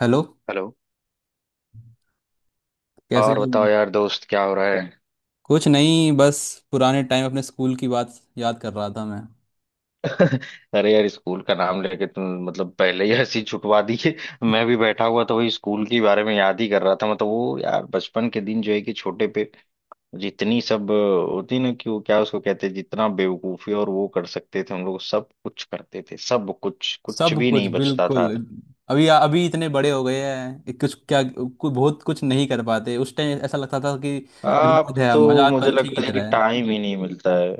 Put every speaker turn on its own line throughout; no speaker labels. Hello.
Hello.
कैसे
और
हो?
बताओ यार दोस्त, क्या हो रहा है?
कुछ नहीं, बस पुराने टाइम अपने स्कूल की बात याद कर रहा था मैं।
अरे यार, स्कूल का नाम लेके तुम मतलब पहले ही हंसी छुटवा दी है। मैं भी बैठा हुआ था, वही स्कूल के बारे में याद ही कर रहा था। मतलब वो यार बचपन के दिन जो है कि छोटे पे जितनी सब होती ना, कि वो क्या उसको कहते हैं, जितना बेवकूफी और वो कर सकते थे, हम लोग सब कुछ करते थे। सब कुछ, कुछ
सब
भी
कुछ,
नहीं बचता
बिल्कुल।
था।
अभी अभी इतने बड़े हो गए हैं, एक कुछ क्या कुछ बहुत कुछ नहीं कर पाते। उस टाइम ऐसा लगता था कि
अब
आजाद है
तो
हम, आजाद
मुझे
पंछी की
लगता है कि
तरह है।
टाइम ही नहीं मिलता है।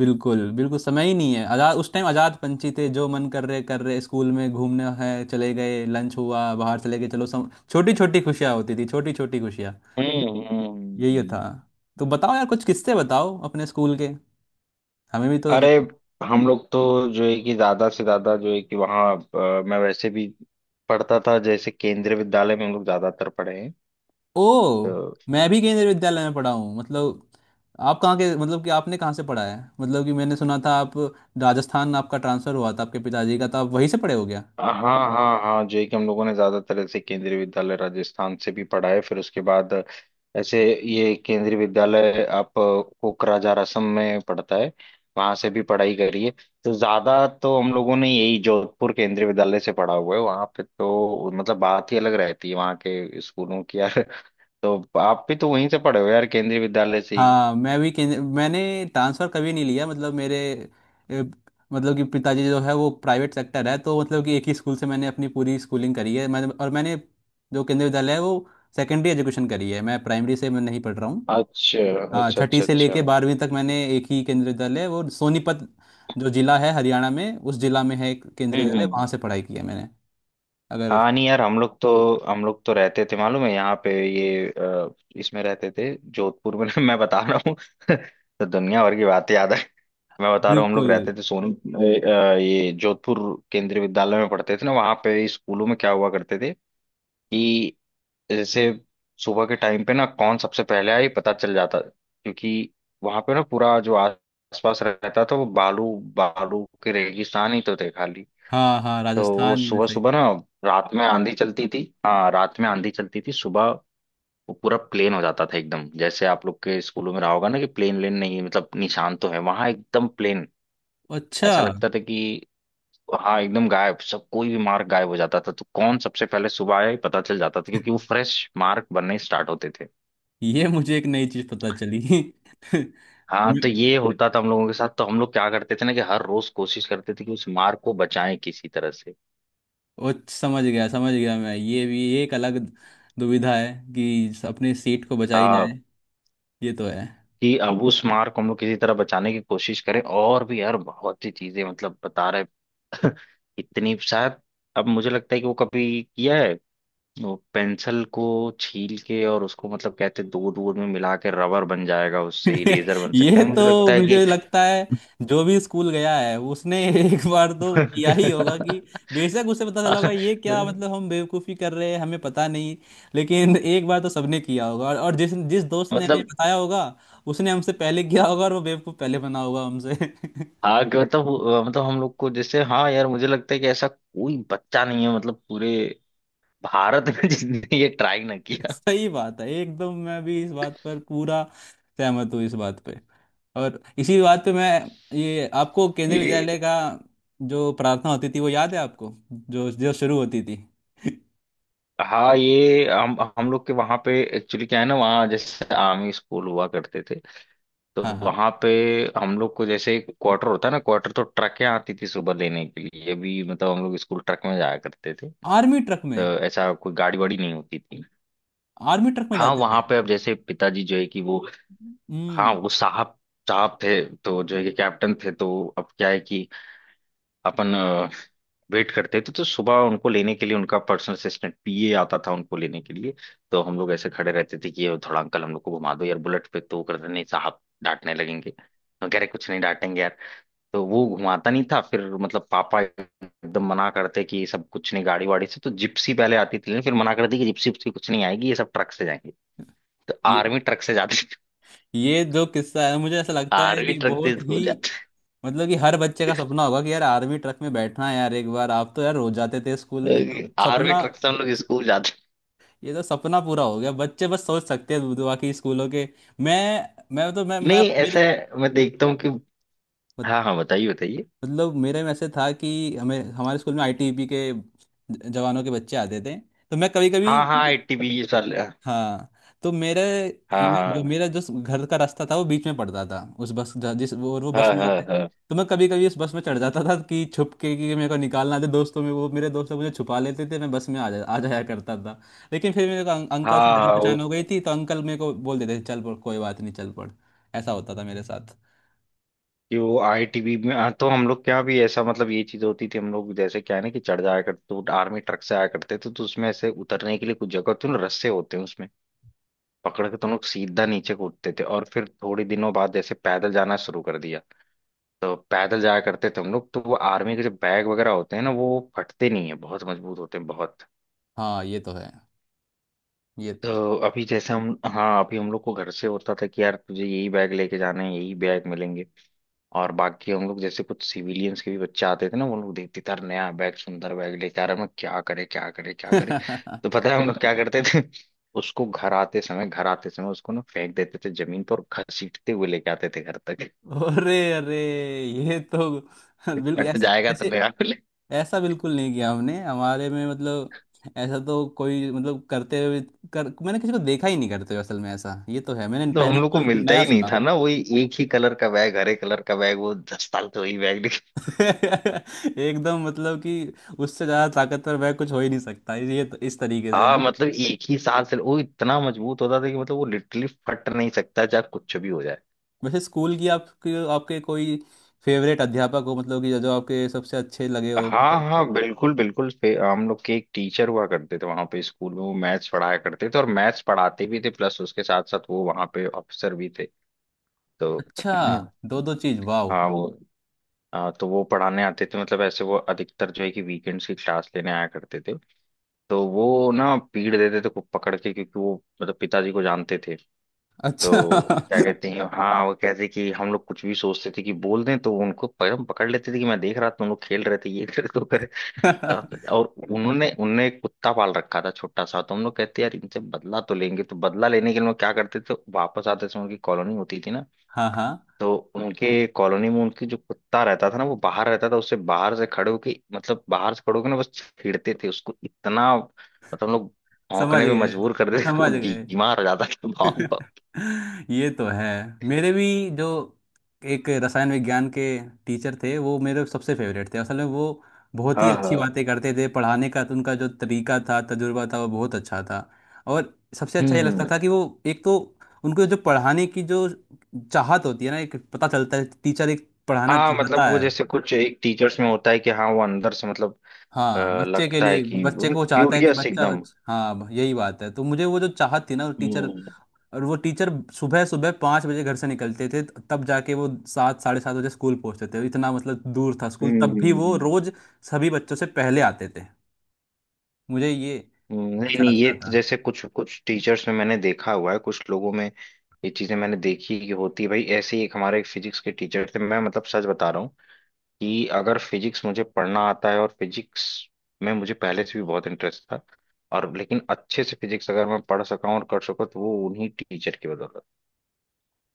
बिल्कुल बिल्कुल, समय ही नहीं है। आजाद, उस टाइम आजाद पंछी थे, जो मन कर रहे कर रहे, स्कूल में घूमने है चले गए, लंच हुआ बाहर चले गए। चलो सम, छोटी छोटी खुशियाँ होती थी, छोटी छोटी खुशियाँ।
हम्म, हम्म,
यही था। तो बताओ यार, कुछ किस्से बताओ अपने स्कूल के, हमें भी तो।
अरे हम लोग तो जो है कि ज्यादा से ज्यादा जो है कि वहाँ मैं वैसे भी पढ़ता था जैसे केंद्रीय विद्यालय में हम लोग ज्यादातर पढ़े हैं
ओ। मैं
तो।
भी केंद्रीय विद्यालय में पढ़ा हूँ। मतलब, आप कहाँ के? मतलब कि आपने कहाँ से पढ़ा है? मतलब कि मैंने सुना था आप राजस्थान, आपका ट्रांसफ़र हुआ था आपके पिताजी का, तो आप वहीं से पढ़े हो गया।
हाँ, हाँ, हाँ, जेई के हम लोगों ने ज्यादातर ऐसे केंद्रीय विद्यालय राजस्थान से भी पढ़ा है, फिर उसके बाद ऐसे ये केंद्रीय विद्यालय आप कोकराझार असम में पढ़ता है, वहां से भी पढ़ाई करी है। तो ज्यादा तो हम लोगों ने यही जोधपुर केंद्रीय विद्यालय से पढ़ा हुआ है, वहां पे तो मतलब बात ही अलग रहती है वहाँ के स्कूलों की यार। तो आप भी तो वहीं से पढ़े हो यार, केंद्रीय विद्यालय से ही।
हाँ, मैं भी केंद्र मैंने ट्रांसफ़र कभी नहीं लिया। मतलब मेरे ए, मतलब कि पिताजी जो है वो प्राइवेट सेक्टर है, तो मतलब कि एक ही स्कूल से मैंने अपनी पूरी स्कूलिंग करी है मैंने, और मैंने जो केंद्रीय विद्यालय है वो सेकेंडरी एजुकेशन करी है। मैं प्राइमरी से मैं नहीं पढ़ रहा हूँ।
अच्छा,
हाँ,
अच्छा,
छठी
अच्छा,
से
अच्छा।
लेके 12वीं तक मैंने एक ही केंद्रीय दल है, वो सोनीपत जो जिला है हरियाणा में, उस जिला में है एक केंद्रीय
हम्म,
दल है,
हम्म।
वहां से पढ़ाई की है मैंने। अगर।
हाँ नहीं यार, हम लोग तो रहते थे, मालूम है? यहाँ पे इसमें रहते थे जोधपुर में। मैं बता रहा हूँ। तो दुनिया भर की बातें याद है। मैं बता रहा हूँ, हम लोग
बिल्कुल।
रहते थे ये जोधपुर केंद्रीय विद्यालय में पढ़ते थे ना, वहाँ पे स्कूलों में क्या हुआ करते थे कि जैसे सुबह के टाइम पे ना कौन सबसे पहले आए पता चल जाता, क्योंकि वहाँ पे ना पूरा जो आसपास रहता था वो बालू बालू के रेगिस्तान ही तो थे खाली।
हाँ हाँ,
तो वो
राजस्थान में
सुबह
साइड।
सुबह ना रात में आंधी चलती थी, हाँ रात में आंधी चलती थी, सुबह वो पूरा प्लेन हो जाता था एकदम। जैसे आप लोग के स्कूलों में रहा होगा ना कि प्लेन लेन नहीं है, मतलब निशान तो है, वहां एकदम प्लेन
अच्छा।
ऐसा लगता था कि हाँ एकदम गायब, सब कोई भी मार्क गायब हो जाता था। तो कौन सबसे पहले सुबह आया ये पता चल जाता था, क्योंकि वो फ्रेश मार्क बनने स्टार्ट होते थे।
ये मुझे एक नई चीज पता चली।
हाँ, तो ये होता था हम लोगों के साथ। तो हम लोग क्या करते थे ना, कि हर रोज कोशिश करते थे कि उस मार्क को बचाएं किसी तरह से।
ओ, समझ गया समझ गया। मैं, ये भी एक अलग दुविधा है कि अपने सीट को बचाई
हाँ,
जाए। ये तो है।
कि अब उस मार को हम लोग किसी तरह बचाने की कोशिश करें। और भी यार बहुत सी चीजें, मतलब बता रहे इतनी शायद। अब मुझे लगता है कि वो कभी किया है वो पेंसिल को छील के और उसको मतलब कहते हैं दूर दूर में मिला के रबर बन जाएगा, उससे इरेजर बन सकता
ये
है, मुझे
तो
लगता है
मुझे
कि
लगता है जो भी स्कूल गया है उसने एक बार तो किया ही होगा कि बेशक उसे पता चला होगा ये क्या, मतलब हम बेवकूफ़ी कर रहे हैं, हमें पता नहीं। लेकिन एक बार तो सबने किया होगा, और जिस जिस दोस्त ने हमें
मतलब,
बताया होगा उसने हमसे पहले किया होगा, और वो बेवकूफ़ पहले बना होगा हमसे।
हाँ कि मतलब हम लोग को जैसे, हाँ यार मुझे लगता है कि ऐसा कोई बच्चा नहीं है मतलब पूरे भारत में जिसने ये ट्राई ना किया।
सही बात है एकदम। मैं भी इस बात पर पूरा सहमत हूँ, इस बात पे। और इसी बात पे मैं, ये आपको केंद्रीय
ये
विद्यालय का जो प्रार्थना होती थी वो याद है आपको, जो जो शुरू होती थी?
हाँ, ये हम लोग के वहाँ पे एक्चुअली क्या है ना, वहाँ जैसे आर्मी स्कूल हुआ करते थे। तो
हाँ हाँ,
वहाँ पे हम लोग को जैसे एक क्वार्टर होता है ना, क्वार्टर तो ट्रकें आती थी सुबह लेने के लिए भी, मतलब हम लोग स्कूल ट्रक में जाया करते थे।
आर्मी ट्रक
तो
में?
ऐसा कोई गाड़ी वाड़ी नहीं होती थी।
आर्मी ट्रक में
हाँ
जाते
वहाँ
थे।
पे, अब जैसे पिताजी जो है कि वो, हाँ
हम्म।
वो साहब साहब थे तो जो है कि कैप्टन थे। तो अब क्या है कि अपन वेट करते थे, तो सुबह उनको लेने के लिए उनका पर्सनल असिस्टेंट पीए आता था उनको लेने के लिए। तो हम लोग ऐसे खड़े रहते थे कि ये थोड़ा अंकल हम लोग को घुमा दो यार बुलेट पे, तो वो करते नहीं, साहब डांटने लगेंगे। हम कह रहे कुछ नहीं डांटेंगे यार। तो वो घुमाता नहीं था। फिर मतलब पापा एकदम मना करते कि ये सब कुछ नहीं गाड़ी वाड़ी से, तो जिप्सी पहले आती थी, लेकिन फिर मना करते कि जिप्सी उप्सी कुछ नहीं आएगी, ये सब ट्रक से जाएंगे। तो
ये
आर्मी ट्रक से जाते थे।
ये जो किस्सा है, मुझे ऐसा लगता है
आर्मी
कि
ट्रक से
बहुत ही,
स्कूल
मतलब कि हर बच्चे का सपना होगा कि यार आर्मी ट्रक में बैठना है, यार एक बार, आप तो यार रोज जाते थे स्कूल।
जाते, आर्मी ट्रक से हम लोग स्कूल जाते।
ये तो सपना पूरा हो गया, बच्चे बस सोच सकते हैं बाकी स्कूलों के। मैं मैं तो मैं
नहीं ऐसा
मेरे
है, मैं देखता हूँ कि
मत-
हाँ, हाँ, बताइए, बताइए।
मतलब मेरे में ऐसे था कि हमें हमारे स्कूल में आईटीबीपी के जवानों के बच्चे आते थे, तो मैं कभी कभी।
हाँ, हाँ, आईटीबी साल।
हाँ, तो जो
हाँ,
मेरा जो घर का रास्ता था वो बीच में पड़ता था, उस बस जिस वो और वो बस
हाँ,
में
हाँ,
आते थे।
हाँ,
तो मैं कभी कभी उस बस में चढ़ जाता था कि छुप के, कि मेरे को निकालना थे दोस्तों में वो, मेरे दोस्त लोग मुझे छुपा लेते थे, मैं बस में आ जाया करता था। लेकिन फिर मेरे को
हाँ,
अंकल से जान
हाँ, वो
पहचान हो गई थी, तो अंकल मेरे को बोल देते थे, चल पढ़ कोई बात नहीं, चल पढ़। ऐसा होता था मेरे साथ।
कि वो आईटीबी में, हाँ, तो हम लोग क्या भी ऐसा मतलब ये चीज होती थी। हम लोग जैसे क्या है ना, कि चढ़ जाया करते, तो आर्मी ट्रक से आया करते थे, तो उसमें ऐसे उतरने के लिए कुछ जगह तो रस्से होते हैं उसमें, पकड़ के तो हम लोग सीधा नीचे कूदते थे। और फिर थोड़े दिनों बाद जैसे पैदल जाना शुरू कर दिया, तो पैदल जाया करते थे हम लोग। तो वो आर्मी के जो बैग वगैरह होते हैं ना, वो फटते नहीं है, बहुत मजबूत होते हैं बहुत।
हाँ, ये तो है, ये तो है।
तो अभी जैसे हम हाँ, अभी हम लोग को घर से होता था कि यार तुझे यही बैग लेके जाना है, यही बैग मिलेंगे। और बाकी हम लोग जैसे कुछ सिविलियंस के भी बच्चे आते थे ना, वो लोग देखते थे यार नया बैग सुंदर बैग लेके आ रहा है, मैं क्या करे क्या करे क्या करे। तो पता है हम लोग क्या करते थे? उसको घर आते समय उसको ना फेंक देते थे जमीन पर और घसीटते हुए लेके आते थे घर तक।
अरे अरे, ये तो
कि
बिल्कुल
फट
ऐसी
जाएगा तो
ऐसे
नया मिले।
ऐसा, बिल्कुल नहीं किया हमने हमारे में, मतलब ऐसा तो कोई, मतलब करते हुए कर मैंने किसी को देखा ही नहीं करते हुए, असल में ऐसा, ये तो है, मैंने
तो हम
पहली
लोग को
बार
मिलता
नया
ही नहीं
सुना।
था ना, वही एक ही कलर का बैग, हरे कलर का बैग, वो दस साल तो वही बैग।
एकदम, मतलब कि उससे ज़्यादा ताकतवर वह कुछ हो ही नहीं सकता। ये तो इस तरीके से
हाँ
है।
मतलब एक ही वो इतना मजबूत होता था कि मतलब वो लिटरली फट नहीं सकता चाहे कुछ भी हो जाए।
वैसे स्कूल की, आपके आपके कोई फेवरेट अध्यापक हो, मतलब कि जो आपके सबसे अच्छे लगे हो?
हाँ, हाँ, बिल्कुल, बिल्कुल, हम लोग के एक टीचर हुआ करते थे वहां पे स्कूल में, वो मैथ्स पढ़ाया करते थे और मैथ्स पढ़ाते भी थे, प्लस उसके साथ साथ वो वहां पे अफसर भी थे। तो
अच्छा, दो दो चीज, वाह।
हाँ वो, हाँ, तो वो पढ़ाने आते थे, मतलब ऐसे वो अधिकतर जो है कि वीकेंड्स की क्लास लेने आया करते थे। तो वो ना पीट देते थे खूब, पकड़ के, क्योंकि वो मतलब पिताजी को जानते थे।
अच्छा।
तो क्या कहते हैं, हाँ वो कहते कि हम लोग कुछ भी सोचते थे कि बोल दें तो उनको पकड़ पकड़ लेते थे कि मैं देख रहा था तुम लोग खेल रहे थे ये करे तो करे। और उन्होंने उनने एक कुत्ता पाल रखा था छोटा सा, तो हम लोग कहते यार इनसे बदला तो लेंगे। तो बदला लेने के लिए हम लोग क्या करते थे, वापस आते समय उनकी कॉलोनी होती थी ना,
हाँ हाँ।
तो उनके कॉलोनी में उनकी जो कुत्ता रहता था ना वो बाहर रहता था, उससे बाहर से खड़े होके ना बस छेड़ते थे उसको इतना, मतलब हम लोग
समझ
भौंकने पे
गए,
मजबूर कर देते थे, वो
समझ गए।
बीमार हो जाता था। भाव भाव।
ये तो है। मेरे भी जो एक रसायन विज्ञान के टीचर थे, वो मेरे सबसे फेवरेट थे। असल में वो बहुत ही
हाँ,
अच्छी
हाँ।
बातें करते थे। पढ़ाने का तो उनका जो तरीका था, तजुर्बा था, वो बहुत अच्छा था। और सबसे अच्छा ये
हम्म,
लगता था कि वो एक तो, उनको जो पढ़ाने की जो चाहत होती है ना, एक पता चलता है टीचर एक पढ़ाना
हाँ, मतलब
चाहता
वो
है।
जैसे कुछ एक टीचर्स में होता है कि हाँ वो अंदर से मतलब अ,
हाँ, बच्चे के
लगता है
लिए,
कि
बच्चे को चाहता है, बच्चे कि के लिए
क्यूरियस
बच्चा
एकदम।
हाँ यही बात है, तो मुझे वो जो चाहत थी ना, वो टीचर।
हम्म,
और वो टीचर सुबह सुबह 5 बजे घर से निकलते थे, तब जाके वो 7 साढ़े 7 बजे स्कूल पहुंचते थे। इतना मतलब दूर था स्कूल,
हम्म,
तब भी वो रोज सभी बच्चों से पहले आते थे। मुझे ये
नहीं,
अच्छा
नहीं, ये
लगता
तो
था।
जैसे कुछ कुछ टीचर्स में मैंने देखा हुआ है कुछ लोगों में, ये चीजें मैंने देखी कि होती है भाई। ऐसे ही एक हमारे फिजिक्स के टीचर थे, मैं मतलब सच बता रहा हूँ कि अगर फिजिक्स मुझे पढ़ना आता है और फिजिक्स में मुझे पहले से भी बहुत इंटरेस्ट था, और लेकिन अच्छे से फिजिक्स अगर मैं पढ़ सका हूँ और कर सका तो वो उन्हीं टीचर की बदौलत।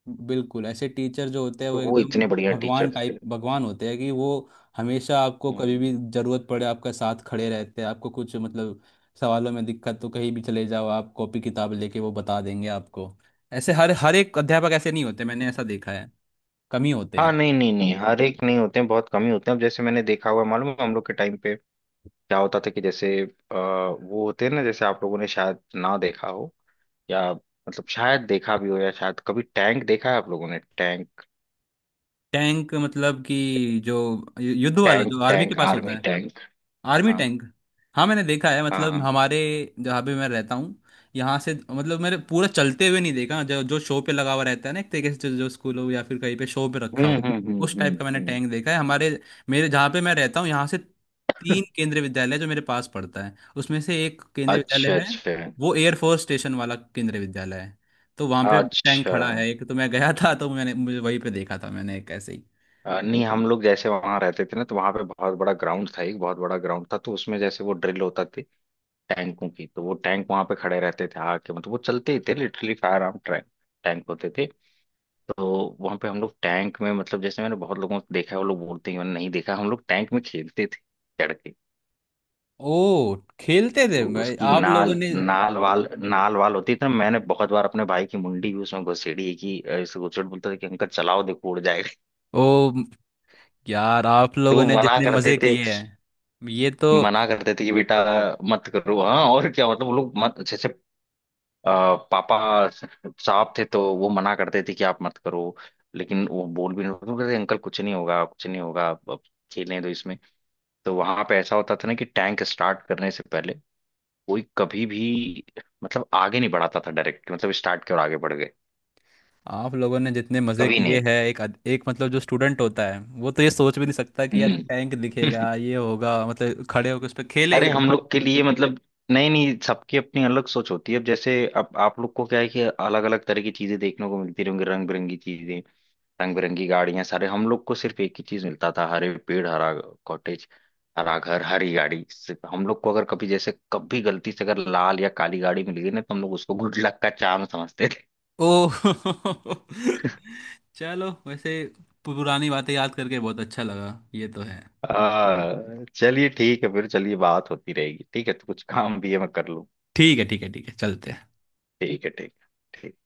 बिल्कुल, ऐसे टीचर जो होते हैं वो
तो वो
एकदम
इतने बढ़िया
भगवान
टीचर थे।
टाइप, भगवान होते हैं कि वो हमेशा आपको, कभी भी
हम्म,
जरूरत पड़े आपका साथ खड़े रहते हैं। आपको कुछ, मतलब सवालों में दिक्कत तो कहीं भी चले जाओ आप कॉपी किताब लेके, वो बता देंगे आपको। ऐसे हर हर एक अध्यापक ऐसे नहीं होते, मैंने ऐसा देखा है, कम ही होते
हाँ,
हैं।
नहीं, नहीं, नहीं, हर एक नहीं होते हैं, बहुत कम ही होते हैं। अब जैसे मैंने देखा हुआ है, मालूम है, हम लोग के टाइम पे क्या होता था कि जैसे वो होते हैं ना, जैसे आप लोगों ने शायद ना देखा हो या मतलब शायद देखा भी हो, या शायद कभी टैंक देखा है आप लोगों ने? Tank,
tank? मतलब कि जो युद्ध वाला
टैंक,
जो आर्मी के
टैंक,
पास
आर्मी
होता है?
टैंक।
आर्मी
हाँ,
टैंक। हाँ मैंने देखा है,
हाँ,
मतलब
हाँ।
हमारे, जहाँ पे मैं रहता हूँ यहाँ से, मतलब मैंने पूरा चलते हुए नहीं देखा। जो जो शो पे लगा हुआ रहता है ना, एक तरीके से जो स्कूलों या फिर कहीं पे शो पे रखा
हम्म,
हुआ है।
हम्म, हम्म,
उस
हम्म,
टाइप का मैंने टैंक देखा है, हमारे मेरे जहाँ पे मैं रहता हूँ यहाँ से तीन केंद्रीय विद्यालय जो मेरे पास पड़ता है, उसमें से एक केंद्रीय विद्यालय
अच्छा,
है।
अच्छा,
वो एयरफोर्स स्टेशन वाला केंद्रीय विद्यालय है, तो वहां पे टैंक
अच्छा।
खड़ा है एक, तो मैं गया था तो मैंने मुझे वहीं पे देखा था, मैंने एक ऐसे ही।
नहीं हम लोग जैसे वहां रहते थे ना, तो वहां पे बहुत बड़ा ग्राउंड था, एक बहुत बड़ा ग्राउंड था, तो उसमें जैसे वो ड्रिल होता थी टैंकों की, तो वो टैंक वहां पे खड़े रहते थे आके, मतलब वो चलते ही थे, लिटरली फायर आर्म टैंक होते थे। तो वहां पे हम लोग टैंक में, मतलब जैसे मैंने बहुत लोगों को देखा है वो लोग बोलते हैं मैंने नहीं देखा, हम लोग टैंक में खेलते थे चढ़ के।
ओ, खेलते
तो
थे भाई
उसकी
आप लोगों
नाल
ने?
नाल वाल होती थी ना, मैंने बहुत बार अपने भाई की मुंडी भी उसमें घुसेड़ी है कि इसे घुसेड़ बोलता था कि अंकल चलाओ देखो उड़ जाएगा।
ओ यार, आप
तो
लोगों
वो
ने
मना
जितने
करते
मजे
थे,
किए हैं, ये तो।
मना करते थे कि बेटा मत करो। हाँ, और क्या, मतलब वो लोग मत जैसे अ, पापा साहब थे तो वो मना करते थे कि आप मत करो, लेकिन वो बोल भी नहीं, वो कहते अंकल कुछ नहीं होगा, कुछ नहीं होगा, अब खेलने दो इसमें। तो वहां पे ऐसा होता था ना कि टैंक स्टार्ट करने से पहले कोई कभी भी मतलब आगे नहीं बढ़ाता था, डायरेक्ट मतलब स्टार्ट के और आगे बढ़ गए,
आप लोगों ने जितने मजे
कभी
किए
नहीं।
हैं, एक, मतलब जो स्टूडेंट होता है वो तो ये सोच भी नहीं सकता कि यार
हम्म।
टैंक दिखेगा, ये होगा, मतलब खड़े होकर उस पर
अरे
खेलेंगे।
हम लोग के लिए मतलब, नहीं, नहीं, सबकी अपनी अलग सोच होती है। अब जैसे अब आप लोग को क्या है कि अलग अलग तरह की चीजें देखने को मिलती रहेंगी, रंग बिरंगी चीजें, रंग बिरंगी गाड़ियां सारे। हम लोग को सिर्फ एक ही चीज मिलता था, हरे पेड़, हरा कॉटेज, हरा घर, हरी गाड़ी। सिर्फ हम लोग को अगर कभी जैसे कभी गलती से अगर लाल या काली गाड़ी मिल गई ना, तो हम लोग उसको गुड लक का चार्म समझते थे।
ओ। चलो वैसे पुरानी बातें याद करके बहुत अच्छा लगा। ये तो है।
चलिए ठीक है, फिर चलिए बात होती रहेगी, ठीक है? तो कुछ काम भी है मैं कर लूँ।
ठीक है, ठीक है, ठीक है, चलते हैं।
ठीक है, ठीक है, ठीक।